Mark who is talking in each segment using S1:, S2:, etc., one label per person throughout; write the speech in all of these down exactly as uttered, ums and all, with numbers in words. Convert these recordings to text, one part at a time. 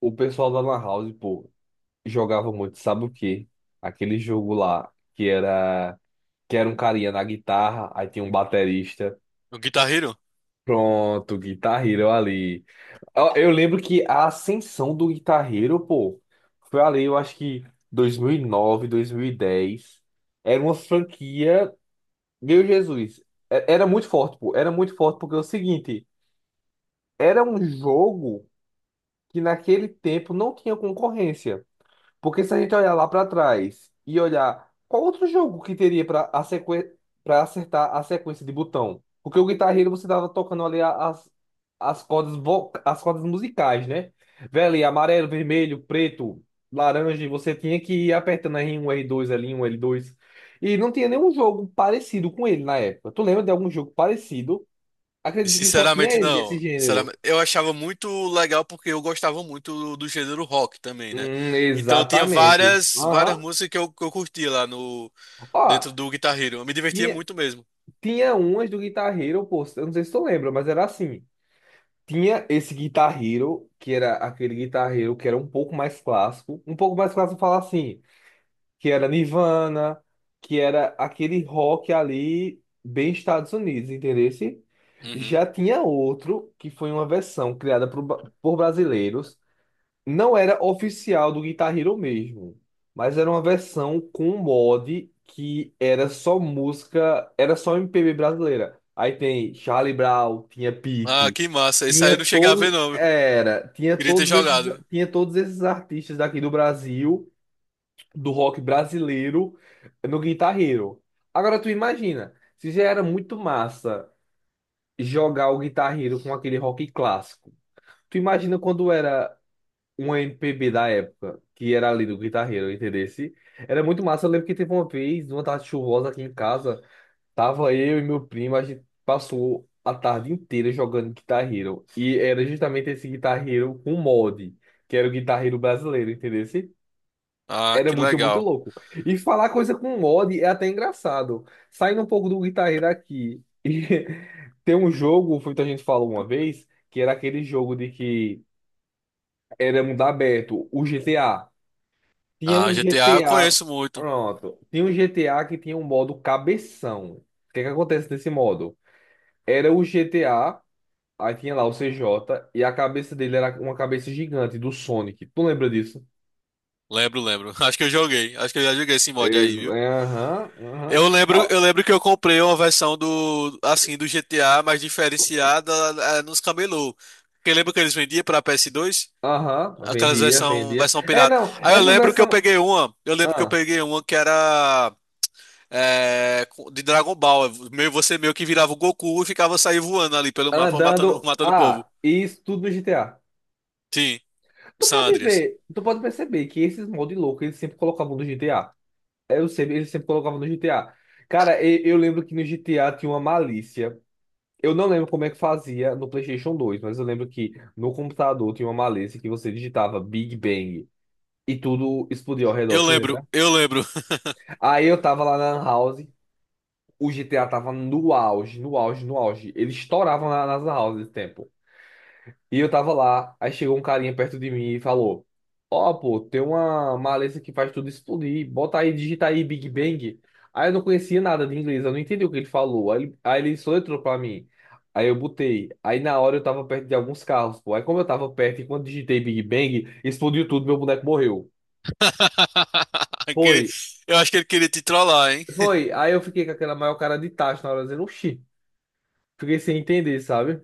S1: O pessoal da Lan House, pô, jogava muito, sabe o quê? Aquele jogo lá que era que era um carinha na guitarra, aí tinha um baterista.
S2: O Guitar Hero?
S1: Pronto, Guitar Hero ali. Eu, eu lembro que a ascensão do Guitar Hero, pô, foi ali. Eu acho que dois dois mil mil e nove, dois mil e dez. Era uma franquia, meu Jesus, é- era muito forte, pô, era muito forte porque é o seguinte, era um jogo que naquele tempo não tinha concorrência. Porque se a gente olhar lá para trás e olhar qual outro jogo que teria para a sequen... para acertar a sequência de botão? Porque o Guitar Hero você tava tocando ali a- as, as cordas vo... as cordas musicais, né? Velho, amarelo, vermelho, preto, laranja, e você tinha que ir apertando r um r dois l um l dois. E não tinha nenhum jogo parecido com ele na época. Tu lembra de algum jogo parecido? Acredito que só tinha
S2: Sinceramente,
S1: ele desse
S2: não.
S1: gênero.
S2: Sinceramente, eu achava muito legal porque eu gostava muito do, do gênero rock também, né?
S1: Hum,
S2: Então tinha
S1: exatamente.
S2: várias, várias
S1: Aham.
S2: músicas que eu, que eu curtia lá no,
S1: Ó,
S2: dentro do Guitar Hero. Eu me divertia
S1: tinha.
S2: muito mesmo.
S1: Tinha umas do Guitar Hero, pô, eu não sei se tu lembra, mas era assim. Tinha esse Guitar Hero, que era aquele Guitar Hero que era um pouco mais clássico. Um pouco mais clássico falar assim, que era Nirvana, que era aquele rock ali bem Estados Unidos, entendeu?
S2: Uhum.
S1: Já tinha outro, que foi uma versão criada por, ba- por brasileiros, não era oficial do Guitar Hero mesmo, mas era uma versão com um mod que era só música, era só M P B brasileira. Aí tem Charlie Brown, tinha
S2: Ah,
S1: Pitty,
S2: que massa. Isso aí eu
S1: tinha
S2: não cheguei a ver,
S1: todos,
S2: não.
S1: era, tinha
S2: Queria ter
S1: todos esses,
S2: jogado.
S1: tinha todos esses artistas daqui do Brasil, do rock brasileiro no Guitar Hero. Agora tu imagina, se já era muito massa jogar o Guitar Hero com aquele rock clássico. Tu imagina quando era uma M P B da época, que era ali do Guitar Hero, entendesse? Era muito massa. Eu lembro que teve uma vez, numa tarde chuvosa aqui em casa, tava eu e meu primo, a gente passou a tarde inteira jogando Guitar Hero. E era justamente esse Guitar Hero com mod, que era o Guitar Hero brasileiro, entendesse?
S2: Ah,
S1: Era
S2: que
S1: muito, muito
S2: legal.
S1: louco. E falar coisa com mod é até engraçado. Saindo um pouco do Guitar Hero aqui. E tem um jogo, foi o que a gente falou uma vez, que era aquele jogo de que era mundo aberto, o G T A. Tinha
S2: Ah,
S1: um
S2: G T A eu
S1: G T A.
S2: conheço muito.
S1: Pronto. Tinha um G T A que tinha um modo cabeção. O que é que acontece nesse modo? Era o G T A, aí tinha lá o C J, e a cabeça dele era uma cabeça gigante do Sonic. Tu lembra disso?
S2: Lembro, lembro. Acho que eu joguei. Acho que eu já joguei esse mod
S1: Ex-
S2: aí, viu?
S1: é, aham, aham.
S2: Eu lembro,
S1: Ó,
S2: eu lembro que eu comprei uma versão do, assim, do G T A mais diferenciada, eh, nos camelô. Porque lembra que eles vendiam para P S dois?
S1: aham,
S2: Aquelas
S1: vendia,
S2: versão,
S1: vendia.
S2: versão
S1: É,
S2: pirata.
S1: não,
S2: Aí eu
S1: essa
S2: lembro que eu
S1: versão.
S2: peguei uma, eu lembro que eu
S1: ah,
S2: peguei uma que era, eh, co- de Dragon Ball. Meio, você meio que virava o Goku e ficava sair voando ali pelo mapa, matando,
S1: Andando.
S2: matando o povo.
S1: Ah, isso tudo no G T A.
S2: Sim, o
S1: Tu
S2: San
S1: pode
S2: Andreas.
S1: ver, tu pode perceber que esses mods loucos eles sempre colocavam no G T A. Eu sempre, ele sempre colocava no G T A. Cara, e- eu lembro que no G T A tinha uma malícia. Eu não lembro como é que fazia no PlayStation dois, mas eu lembro que no computador tinha uma malícia que você digitava Big Bang e tudo explodia ao redor,
S2: Eu
S1: tu
S2: lembro,
S1: lembra?
S2: eu lembro.
S1: Aí eu tava lá na Lan House, o G T A tava no auge, no auge, no auge. Ele estourava na, nas Lan Houses nesse tempo. E eu tava lá, aí chegou um carinha perto de mim e falou: "Ó, pô, tem uma maleza que faz tudo explodir, bota aí, digita aí Big Bang." Aí eu não conhecia nada de inglês, eu não entendi o que ele falou. Aí, ele- aí ele soletrou pra mim. Aí eu botei. Aí na hora eu tava perto de alguns carros, pô. Aí como eu tava perto e quando digitei Big Bang, explodiu tudo, meu boneco morreu. Foi,
S2: Aquele- eu acho que ele queria te trollar, hein?
S1: foi. Aí eu fiquei com aquela maior cara de tacho na hora, dizendo: "Oxi", fiquei sem entender, sabe?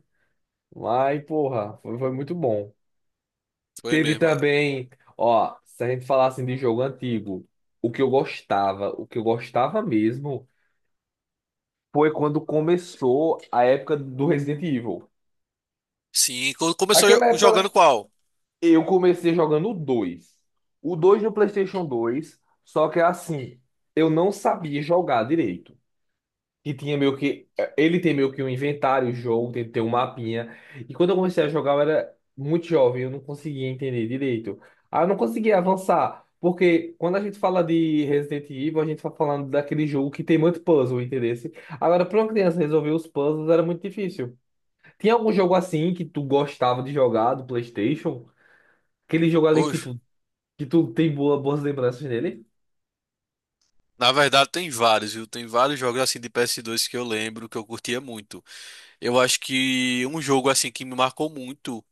S1: Mas, porra, foi, foi muito bom.
S2: Foi
S1: Teve
S2: mesmo.
S1: também, ó, se a gente falar assim de jogo antigo, o que eu gostava, o que eu gostava mesmo, foi quando começou a época do Resident Evil.
S2: Sim, co- começou jo-
S1: Aquela
S2: jogando
S1: época
S2: qual?
S1: eu comecei jogando o dois. O dois no PlayStation dois, só que assim, eu não sabia jogar direito. Que tinha meio que. Eh, Ele tem meio que um inventário, o jogo, tem que ter um mapinha. E quando eu comecei a jogar, eu era muito jovem, eu não conseguia entender direito. Ah, eu não conseguia avançar. Porque quando a gente fala de Resident Evil, a gente tá falando daquele jogo que tem muito puzzle, entendeu? Agora, pra uma criança resolver os puzzles era muito difícil. Tinha algum jogo assim que tu gostava de jogar do PlayStation? Aquele jogo ali que,
S2: Oxe,
S1: tipo, que tu tem boa, boas lembranças dele?
S2: na verdade tem vários, viu? Tem vários jogos assim de P S dois que eu lembro que eu curtia muito. Eu acho que um jogo assim que me marcou muito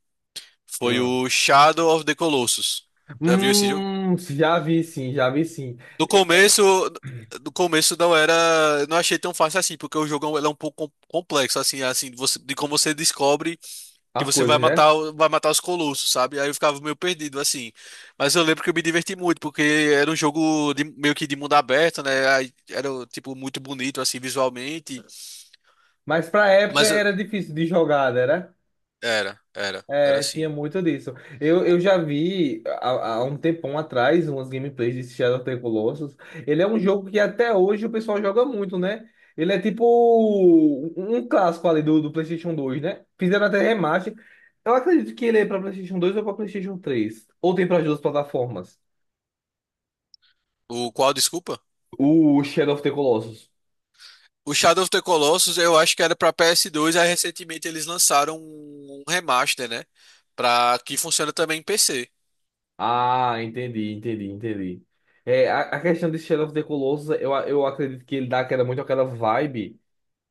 S2: foi
S1: Ah.
S2: o Shadow of the Colossus. Já viu esse jogo?
S1: Hum, já vi sim, já vi sim.
S2: No começo, no começo não era, eu não achei tão fácil assim, porque o jogo ele é um pouco com- complexo assim, assim, de você- de como você descobre que
S1: As
S2: você vai
S1: coisas, né?
S2: matar, o- vai matar os colossos, sabe? Aí eu ficava meio perdido assim. Mas eu lembro que eu me diverti muito, porque era um jogo de- meio que de mundo aberto, né? Aí era tipo muito bonito assim visualmente,
S1: Mas pra época
S2: mas eu-
S1: era difícil de jogar, era?
S2: era, era, era
S1: É, tinha
S2: assim.
S1: muito disso. Eu,
S2: O,
S1: eu já vi há, há um tempão atrás umas gameplays de Shadow of the Colossus. Ele é um jogo que até hoje o pessoal joga muito, né? Ele é tipo um um clássico ali do, do PlayStation dois, né? Fizeram até remaster. Eu acredito que ele é pra PlayStation dois ou pra PlayStation três. Ou tem para as duas plataformas.
S2: o qual, desculpa?
S1: O Shadow of the Colossus.
S2: O Shadow of the Colossus, eu acho que era pra P S dois, aí recentemente eles lançaram um um remaster, né? Pra que funciona também em P C.
S1: Ah, entendi, entendi, entendi. É, a, a questão de Shadow of the Colossus, eu, a- eu acredito que ele dá aquela, muito aquela vibe,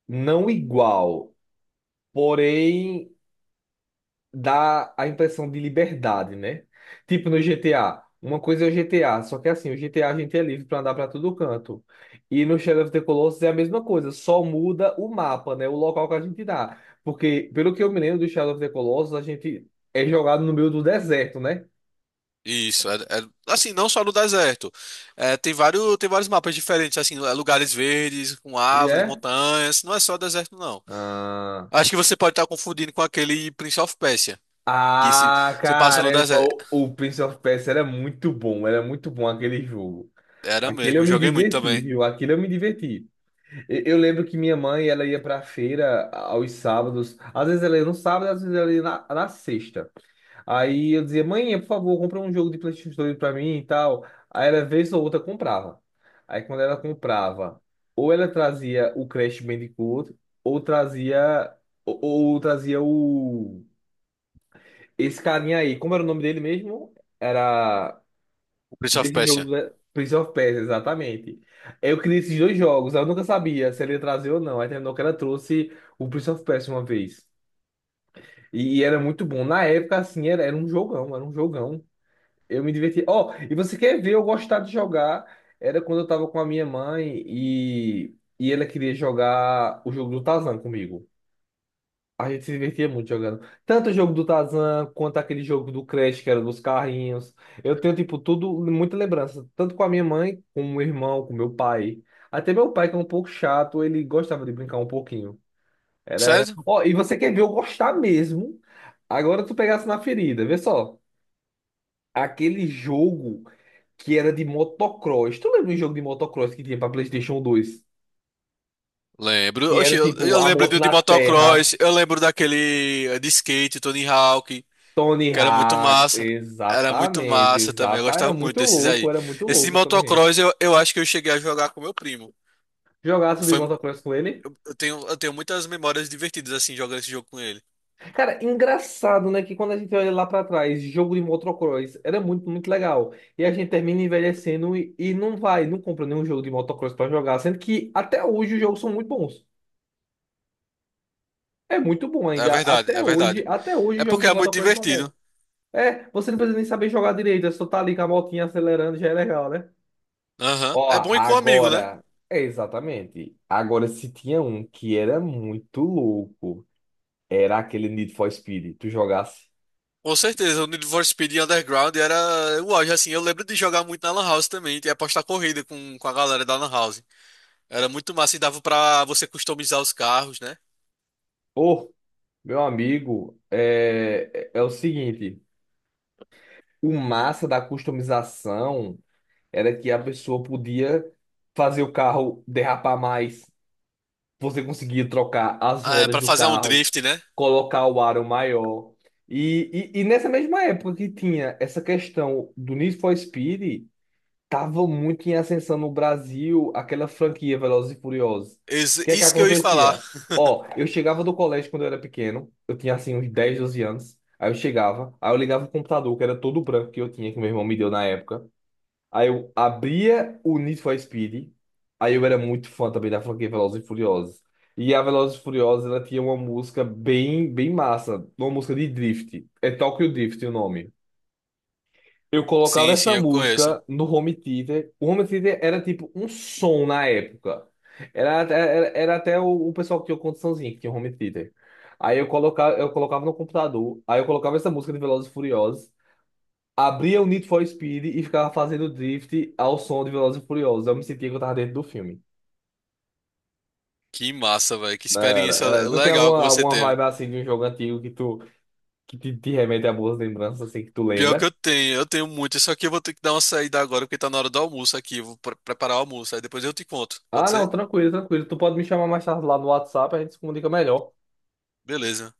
S1: não igual, porém dá a impressão de liberdade, né? Tipo no G T A. Uma coisa é o G T A, só que assim, o GTA a a gente é livre pra andar pra todo canto. E no Shadow of the Colossus é a mesma coisa, só muda o mapa, né? O local que a gente dá. Porque, pelo que eu me lembro do Shadow of the Colossus, a gente é jogado no meio do deserto, né?
S2: Isso, é, é- assim, não só no deserto. É, tem vários, tem vários mapas diferentes, assim, é, lugares verdes, com
S1: E
S2: árvores,
S1: é.
S2: montanhas. Não é só deserto, não.
S1: Ah.
S2: Acho que você pode estar confundindo com aquele Prince of Persia. Que se
S1: Ah,
S2: você passa no
S1: caramba,
S2: deserto.
S1: o, o Prince of Persia era muito bom, era muito bom aquele jogo.
S2: Era
S1: Aquele
S2: mesmo,
S1: eu
S2: eu
S1: me
S2: joguei muito
S1: diverti,
S2: também.
S1: viu? Aquele eu me diverti. E- Eu, lembro que minha mãe, ela ia pra feira aos sábados. Às vezes ela ia no sábado, às vezes ela ia na, na sexta. Aí eu dizia: "Mãe, por favor, compra um jogo de PlayStation dois pra mim e tal." Aí ela, vez ou outra, comprava. Aí quando ela comprava, ou ela trazia o Crash Bandicoot, ou trazia, ou ou trazia o esse carinha aí. Como era o nome dele mesmo? Era
S2: O Prince of
S1: desse jogo
S2: Persia.
S1: do Prince of Persia, exatamente. Eu queria esses dois jogos, eu nunca sabia se ele ia trazer ou não. Aí terminou que ela trouxe o Prince of Persia uma vez. E, e era muito bom. Na época, assim, era, era um jogão, era um jogão. Eu me divertia. Ó, e você quer ver eu gostar de jogar? Era quando eu tava com a minha mãe e, e ela queria jogar o jogo do Tarzan comigo. A gente se divertia muito jogando. Tanto o jogo do Tarzan, quanto aquele jogo do Crash, que era dos carrinhos. Eu tenho, tipo, tudo, muita lembrança. Tanto com a minha mãe, com o meu irmão, com meu pai. Até meu pai, que é um pouco chato, ele gostava de brincar um pouquinho. Era, era.
S2: Certo?
S1: Ó, e você quer ver eu gostar mesmo? Agora tu pegasse na ferida, vê só. Aquele jogo que era de motocross. Tu lembra um jogo de motocross que tinha pra PlayStation dois?
S2: Lembro.
S1: Que
S2: Oxi,
S1: era,
S2: eu,
S1: tipo,
S2: eu
S1: a
S2: lembro
S1: moto
S2: do de
S1: na terra.
S2: motocross, eu lembro daquele eh, de skate, Tony Hawk,
S1: Tony
S2: que era muito
S1: Hawk,
S2: massa. Era muito
S1: exatamente,
S2: massa também, eu
S1: exata. Era
S2: gostava muito
S1: muito
S2: desses aí.
S1: louco, era muito
S2: Esse de
S1: louco o Tony Hawk.
S2: motocross eu, eu acho que eu cheguei a jogar com meu primo.
S1: Jogaço de
S2: Foi,
S1: motocross com ele.
S2: eu tenho, eu tenho muitas memórias divertidas assim jogando esse jogo com ele.
S1: Cara, engraçado, né? Que quando a gente olha lá pra trás, jogo de motocross era muito, muito legal. E a gente termina envelhecendo e, e não vai, não compra nenhum jogo de motocross pra jogar. Sendo que até hoje os jogos são muito bons. É muito bom
S2: É
S1: ainda.
S2: verdade,
S1: Até
S2: é
S1: hoje,
S2: verdade.
S1: até hoje
S2: É
S1: os jogos
S2: porque
S1: de
S2: é muito
S1: motocross são bons.
S2: divertido.
S1: É, você não precisa nem saber jogar direito, é só tá ali com a motinha acelerando, já é legal, né?
S2: Aham.
S1: Ó,
S2: É bom ir com um amigo, né?
S1: agora, é exatamente. Agora, se tinha um que era muito louco, era aquele Need for Speed. Tu jogasse.
S2: Com certeza, o Need for Speed Underground era o auge, assim. Eu lembro de jogar muito na Lan House também, e apostar corrida com, com a galera da Lan House. Era muito massa e dava pra você customizar os carros, né?
S1: Pô, meu amigo, é, é é o seguinte: o massa da customização era que a pessoa podia fazer o carro derrapar mais. Você conseguia trocar as
S2: Ah, é,
S1: rodas
S2: pra
S1: do
S2: fazer um
S1: carro,
S2: drift, né?
S1: colocar o aro maior. E, e, e nessa mesma época que tinha essa questão do Need for Speed. Tava muito em ascensão no Brasil aquela franquia Velozes e Furiosos. O
S2: Isso,
S1: que é que
S2: isso que eu ia falar.
S1: acontecia? Ó, eu chegava do colégio quando eu era pequeno, eu tinha assim uns dez, doze anos. Aí eu chegava, aí eu ligava o computador, que era todo branco que eu tinha, que meu irmão me deu na época. Aí eu abria o Need for Speed. Aí eu era muito fã também da franquia Velozes e Furiosos. E a Velozes e Furiosos, ela tinha uma música bem, bem massa, uma música de drift. É Tokyo Drift o nome. Eu colocava
S2: Sim, sim,
S1: essa
S2: eu conheço.
S1: música no home theater. O home theater era tipo um som na época. Era, era, era até o, o pessoal que tinha condiçãozinha, que tinha home theater. Aí eu colocava, eu colocava no computador, aí eu colocava essa música de Velozes e Furiosos, abria o Need for Speed e ficava fazendo drift ao som de Velozes e Furiosos. Eu me sentia que eu tava dentro do filme.
S2: Que massa, velho. Que
S1: Era,
S2: experiência
S1: era. Tu tem
S2: legal que
S1: alguma,
S2: você
S1: alguma
S2: teve.
S1: vibe assim de um jogo antigo que tu que te, te remete a boas lembranças, assim, que tu
S2: Pior que
S1: lembra?
S2: eu tenho, eu tenho muito. Isso aqui eu vou ter que dar uma saída agora, porque tá na hora do almoço aqui. Eu vou pre- preparar o almoço. Aí depois eu te conto. Pode
S1: Ah, não,
S2: ser?
S1: tranquilo, tranquilo. Tu pode me chamar mais tarde lá no WhatsApp, a gente se comunica melhor.
S2: Beleza.